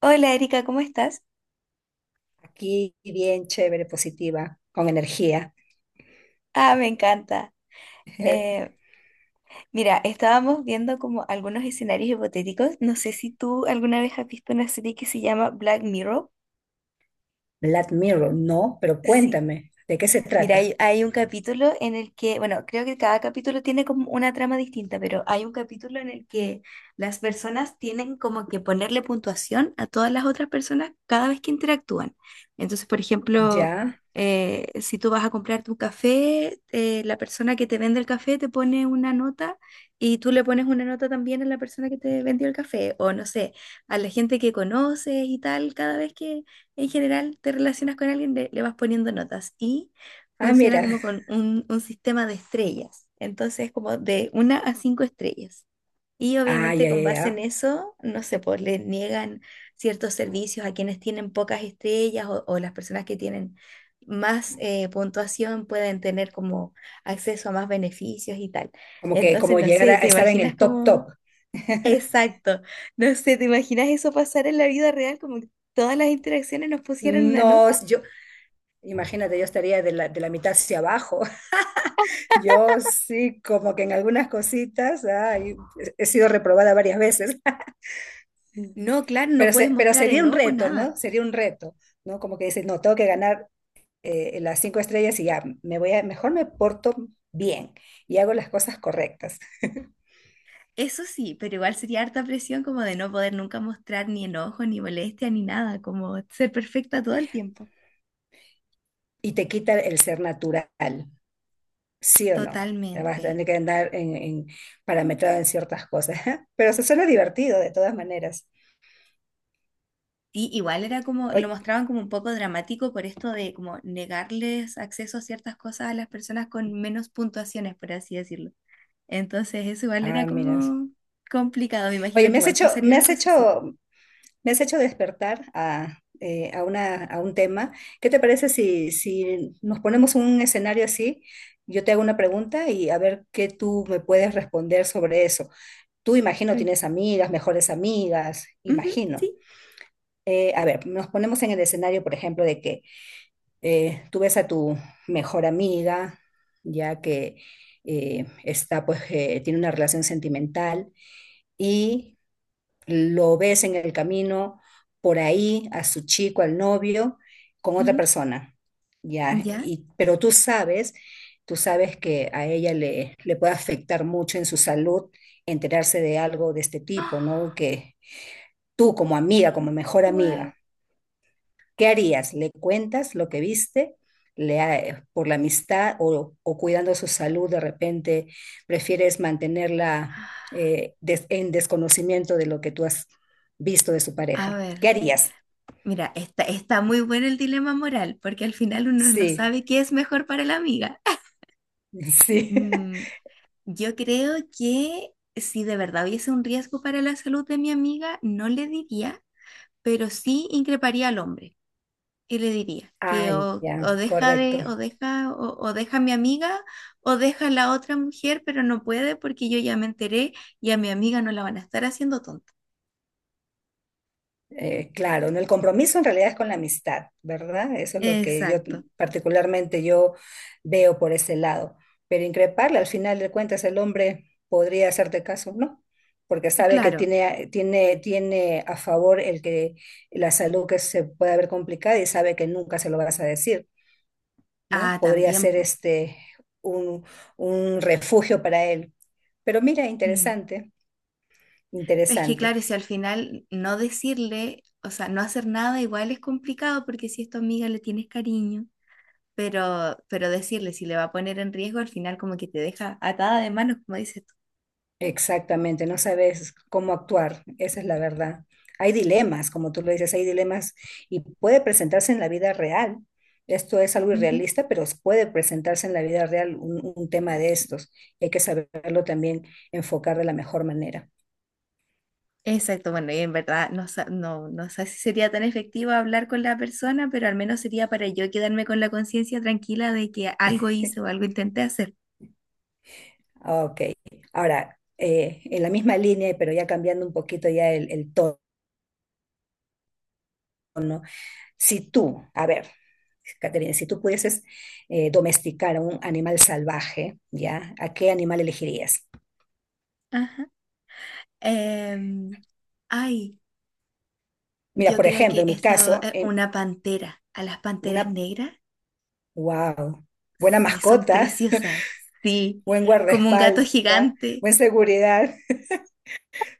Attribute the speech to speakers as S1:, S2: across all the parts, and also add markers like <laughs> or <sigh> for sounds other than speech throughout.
S1: Hola Erika, ¿cómo estás?
S2: Aquí bien chévere, positiva, con energía.
S1: Ah, me encanta.
S2: <laughs>
S1: Eh, mira, estábamos viendo como algunos escenarios hipotéticos. No sé si tú alguna vez has visto una serie que se llama Black Mirror.
S2: Black Mirror, no, pero
S1: Sí,
S2: cuéntame, ¿de qué se
S1: mira,
S2: trata?
S1: hay un capítulo en el que, bueno, creo que cada capítulo tiene como una trama distinta, pero hay un capítulo en el que las personas tienen como que ponerle puntuación a todas las otras personas cada vez que interactúan. Entonces, por ejemplo,
S2: Ya.
S1: si tú vas a comprar tu café, la persona que te vende el café te pone una nota y tú le pones una nota también a la persona que te vendió el café, o no sé, a la gente que conoces y tal, cada vez que en general te relacionas con alguien le vas poniendo notas. Y
S2: Ah,
S1: funciona
S2: mira.
S1: como con un sistema de estrellas, entonces como de una a cinco estrellas. Y
S2: Ah,
S1: obviamente
S2: ya, ya,
S1: con base en
S2: ya.
S1: eso, no sé, pues le niegan ciertos servicios a quienes tienen pocas estrellas o las personas que tienen más puntuación pueden tener como acceso a más beneficios y tal.
S2: Como que
S1: Entonces,
S2: como
S1: no
S2: llegar
S1: sé,
S2: a
S1: ¿te
S2: estar en
S1: imaginas
S2: el top
S1: como...
S2: top.
S1: Exacto, no sé, ¿te imaginas eso pasar en la vida real como que todas las interacciones nos pusieran una
S2: No,
S1: nota?
S2: yo, imagínate, yo estaría de la mitad hacia abajo. <laughs> Yo sí, como que en algunas cositas, ay, he sido reprobada varias veces. <laughs>
S1: No, claro, no
S2: Pero,
S1: puedes
S2: pero
S1: mostrar
S2: sería un
S1: enojo,
S2: reto, ¿no?
S1: nada.
S2: Sería un reto, ¿no? Como que dices, no, tengo que ganar, las cinco estrellas y ya, me voy a, mejor me porto bien y hago las cosas correctas.
S1: Eso sí, pero igual sería harta presión como de no poder nunca mostrar ni enojo, ni molestia, ni nada, como ser perfecta todo el tiempo.
S2: Y te quita el ser natural, ¿sí o no? Vas a
S1: Totalmente.
S2: tener que andar parametrado en ciertas cosas, <laughs> pero se suena divertido de todas maneras.
S1: Y igual era como, lo
S2: Oye,
S1: mostraban como un poco dramático por esto de como negarles acceso a ciertas cosas a las personas con menos puntuaciones, por así decirlo. Entonces eso igual era
S2: ah, mira.
S1: como complicado, me imagino
S2: Oye, me
S1: que
S2: has
S1: igual
S2: hecho,
S1: pasaría
S2: me
S1: una
S2: has
S1: cosa así.
S2: hecho, me has hecho despertar a una, a un tema. ¿Qué te parece si nos ponemos un escenario así? Yo te hago una pregunta y a ver qué tú me puedes responder sobre eso. Tú imagino
S1: Ok.
S2: tienes amigas, mejores amigas,
S1: Ujú,
S2: imagino.
S1: sí,
S2: A ver, nos ponemos en el escenario, por ejemplo, de que tú ves a tu mejor amiga, ya que está, pues, tiene una relación sentimental y lo ves en el camino por ahí a su chico, al novio, con otra
S1: ujú,
S2: persona, ya.
S1: ya.
S2: Y, pero tú sabes que a ella le, le puede afectar mucho en su salud enterarse de algo de este tipo, ¿no?
S1: <gasps>
S2: Que tú como amiga, como mejor
S1: Wow.
S2: amiga, ¿qué harías? ¿Le cuentas lo que viste? Le, por la amistad o cuidando su salud, de repente prefieres mantenerla en desconocimiento de lo que tú has visto de su
S1: A
S2: pareja. ¿Qué
S1: ver.
S2: harías?
S1: Mira, está muy bueno el dilema moral, porque al final uno no
S2: Sí,
S1: sabe qué es mejor para la amiga.
S2: <laughs> sí.
S1: Mm, yo creo que si de verdad hubiese un riesgo para la salud de mi amiga, no le diría, pero sí increparía al hombre y le diría que
S2: Ah,
S1: o, o
S2: ya,
S1: deja
S2: correcto.
S1: de, o deja, o, o deja a mi amiga, o deja a la otra mujer, pero no puede porque yo ya me enteré y a mi amiga no la van a estar haciendo tonta.
S2: Claro, ¿no? El compromiso en realidad es con la amistad, ¿verdad? Eso es lo que yo
S1: Exacto.
S2: particularmente yo veo por ese lado. Pero increparle, al final de cuentas, el hombre podría hacerte caso, ¿no? Porque sabe que
S1: Claro.
S2: tiene a favor el que la salud que se puede ver complicada y sabe que nunca se lo vas a decir,
S1: Ah,
S2: ¿no? Podría
S1: también,
S2: ser
S1: po.
S2: este un, un refugio para él. Pero mira,
S1: Mm.
S2: interesante,
S1: Es que
S2: interesante.
S1: claro, si al final no decirle, o sea, no hacer nada igual es complicado porque si es tu amiga le tienes cariño, pero decirle si le va a poner en riesgo, al final como que te deja atada de manos, como dices tú.
S2: Exactamente, no sabes cómo actuar, esa es la verdad. Hay dilemas, como tú lo dices, hay dilemas y puede presentarse en la vida real. Esto es algo
S1: Ujú.
S2: irrealista, pero puede presentarse en la vida real un tema de estos. Y hay que saberlo también enfocar de la mejor manera.
S1: Exacto, bueno, y en verdad no sé si sería tan efectivo hablar con la persona, pero al menos sería para yo quedarme con la conciencia tranquila de que algo hice o algo intenté hacer.
S2: Ah, ok, ahora, en la misma línea, pero ya cambiando un poquito ya el tono, ¿no? Si tú, a ver, Caterina, si tú pudieses domesticar a un animal salvaje, ¿ya? ¿A qué animal elegirías?
S1: Ajá. Em, ay,
S2: Mira,
S1: yo
S2: por
S1: creo
S2: ejemplo,
S1: que
S2: en mi
S1: esto
S2: caso,
S1: es
S2: en
S1: una pantera, a las panteras
S2: una,
S1: negras.
S2: wow, buena
S1: Sí, son
S2: mascota,
S1: preciosas. Sí,
S2: <laughs> buen
S1: como un gato
S2: guardaespaldas,
S1: gigante.
S2: buena seguridad. <laughs>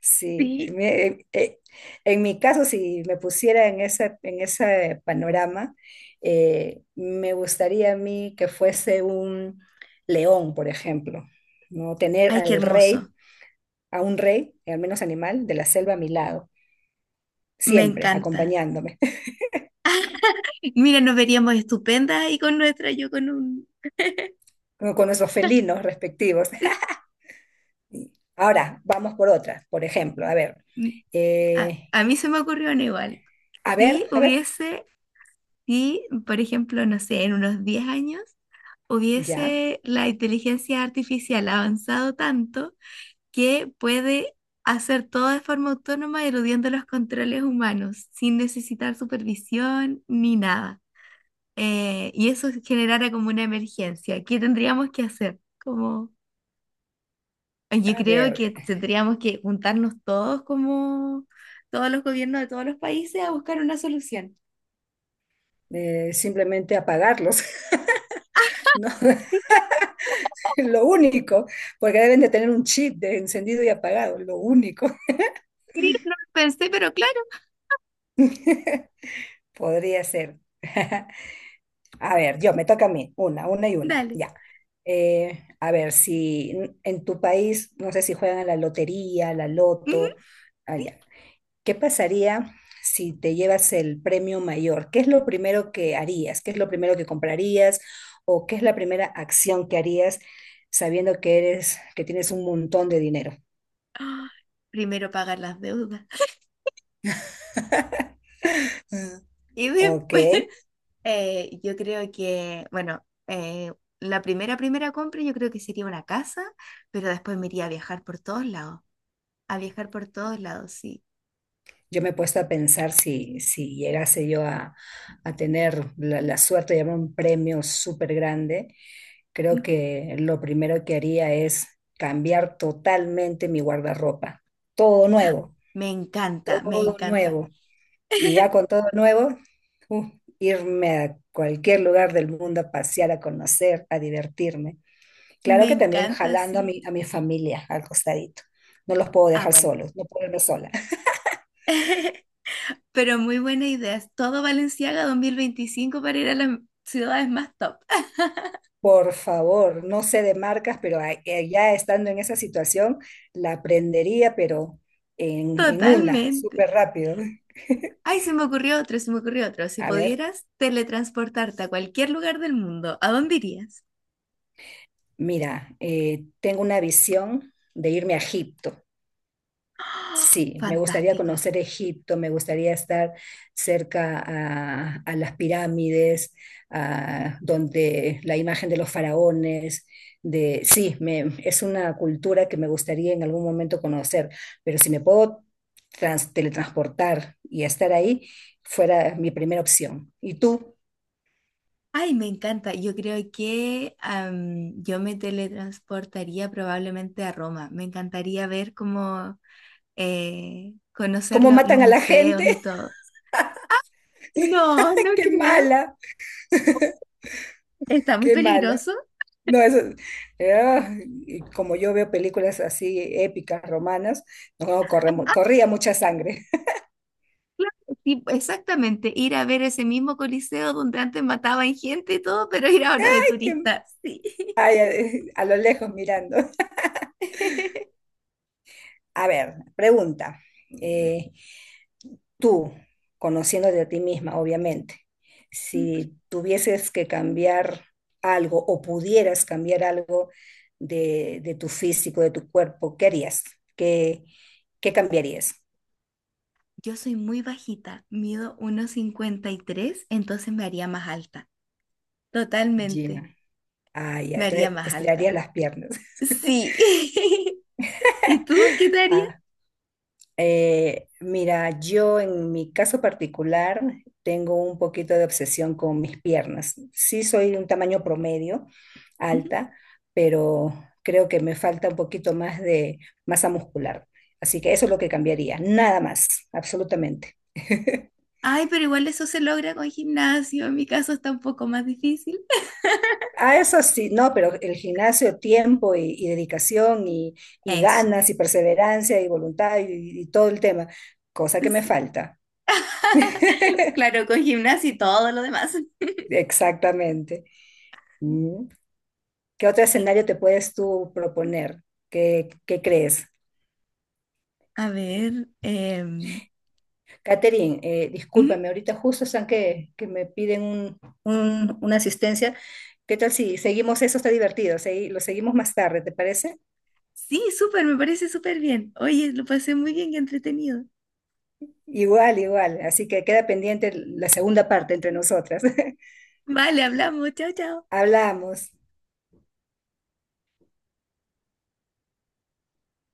S2: Sí, sí,
S1: Sí.
S2: en mi caso, si me pusiera en ese panorama, me gustaría a mí que fuese un león, por ejemplo, ¿no? Tener
S1: Ay, qué
S2: al
S1: hermoso.
S2: rey, a un rey, al menos animal, de la selva a mi lado,
S1: Me
S2: siempre
S1: encanta.
S2: acompañándome,
S1: <laughs> Mira, nos veríamos estupendas ahí con nuestra, yo con un...
S2: <laughs> con nuestros felinos respectivos.
S1: sí.
S2: Sí. Ahora, vamos por otras. Por ejemplo, a ver,
S1: mm, A,
S2: eh,
S1: a mí se me ocurrió una igual.
S2: a ver,
S1: Si
S2: a ver,
S1: hubiese, si, por ejemplo, no sé, en unos 10 años,
S2: ya.
S1: hubiese la inteligencia artificial avanzado tanto que puede hacer todo de forma autónoma, eludiendo los controles humanos, sin necesitar supervisión ni nada. Y eso generara como una emergencia, ¿qué tendríamos que hacer? Como, yo
S2: A
S1: creo que
S2: ver,
S1: tendríamos que juntarnos todos como todos los gobiernos de todos los países a buscar una solución.
S2: simplemente apagarlos, <laughs> ¿no?
S1: Sí,
S2: <laughs>
S1: claro,
S2: Lo único, porque deben de tener un chip de encendido y apagado, lo único.
S1: sí, no lo pensé, pero claro,
S2: <laughs> Podría ser. <laughs> A ver, yo, me toca a mí, una y una,
S1: dale.
S2: ya. A ver, si en tu país, no sé si juegan a la lotería, a la
S1: Ujú.
S2: loto, allá, ¿qué pasaría si te llevas el premio mayor? ¿Qué es lo primero que harías? ¿Qué es lo primero que comprarías? ¿O qué es la primera acción que harías sabiendo que eres, que tienes un montón de dinero?
S1: Ah, primero pagar las deudas. <laughs>
S2: Mm.
S1: Y
S2: Ok,
S1: después, yo creo que, bueno, la primera compra yo creo que sería una casa, pero después me iría a viajar por todos lados, a viajar por todos lados, sí.
S2: yo me he puesto a pensar si llegase yo a tener la, la suerte de llevar un premio súper grande, creo que lo primero que haría es cambiar totalmente mi guardarropa, todo nuevo,
S1: Me encanta, me
S2: todo
S1: encanta.
S2: nuevo. Y ya
S1: <laughs>
S2: con todo nuevo, uh, irme a cualquier lugar del mundo a pasear, a conocer, a divertirme. Claro
S1: Me
S2: que también
S1: encanta,
S2: jalando
S1: sí.
S2: a mi familia al costadito. No los puedo
S1: Ah,
S2: dejar
S1: bueno.
S2: solos, no puedo irme sola.
S1: <laughs> Pero muy buena idea. Es Todo Valenciaga 2025 para ir a las ciudades más top.
S2: Por favor, no sé de marcas, pero ya estando en esa situación, la aprendería, pero
S1: <laughs>
S2: en una,
S1: Totalmente.
S2: súper rápido.
S1: Ay, se me ocurrió otro, se me ocurrió otro. Si
S2: A ver,
S1: pudieras teletransportarte a cualquier lugar del mundo, ¿a dónde irías?
S2: mira, tengo una visión de irme a Egipto. Sí, me gustaría
S1: Fantástico.
S2: conocer Egipto, me gustaría estar cerca a las pirámides, a, donde la imagen de los faraones, de sí, es una cultura que me gustaría en algún momento conocer, pero si me puedo teletransportar y estar ahí, fuera mi primera opción. ¿Y tú?
S1: Ay, me encanta. Yo creo que yo me teletransportaría probablemente a Roma. Me encantaría ver cómo conocer
S2: ¿Cómo
S1: los
S2: matan a la gente?
S1: museos y todo. No, no
S2: <laughs> ¡Qué
S1: creo.
S2: mala!
S1: Está muy
S2: ¡Qué mala!
S1: peligroso.
S2: No, eso, ah, y como yo veo películas así épicas, romanas, no,
S1: Ah,
S2: corría mucha sangre.
S1: claro, sí, exactamente. Ir a ver ese mismo coliseo donde antes mataban gente y todo, pero ir ahora de
S2: <laughs> Que-
S1: turista. Sí.
S2: ay, a, lo lejos mirando.
S1: <laughs>
S2: A ver, pregunta. eh, tú, conociéndote a ti misma, obviamente,
S1: Ujú.
S2: si tuvieses que cambiar algo o pudieras cambiar algo de tu físico, de tu cuerpo, ¿qué harías? ¿Qué, qué cambiarías?
S1: Yo soy muy bajita, mido 1,53, entonces me haría más alta. Totalmente,
S2: Ya. Ah, ya,
S1: me haría
S2: te
S1: más alta.
S2: estirarías las piernas.
S1: Sí. <laughs> ¿Y tú qué te harías?
S2: <laughs> Mira, yo en mi caso particular tengo un poquito de obsesión con mis piernas. Sí soy de un tamaño promedio,
S1: Ujú.
S2: alta, pero creo que me falta un poquito más de masa muscular. Así que eso es lo que cambiaría, nada más, absolutamente. <laughs>
S1: Ay, pero igual eso se logra con gimnasio. En mi caso está un poco más difícil.
S2: Ah, eso sí, no, pero el gimnasio, tiempo y dedicación y
S1: Eso.
S2: ganas y perseverancia y voluntad y todo el tema, cosa que me
S1: Sí.
S2: falta.
S1: <laughs> Claro, con gimnasia y todo lo demás.
S2: Exactamente. Mm. ¿Qué otro escenario te puedes tú proponer? ¿Qué, qué crees?
S1: A ver,
S2: Catherine,
S1: ujú.
S2: discúlpame, ahorita justo están que me piden una asistencia. ¿Qué tal si seguimos eso? Está divertido, lo seguimos más tarde, ¿te parece?
S1: Sí, súper, me parece súper bien. Oye, lo pasé muy bien, qué entretenido.
S2: Igual, igual. Así que queda pendiente la segunda parte entre nosotras. <laughs>
S1: Vale, hablamos, chao, chao.
S2: Hablamos.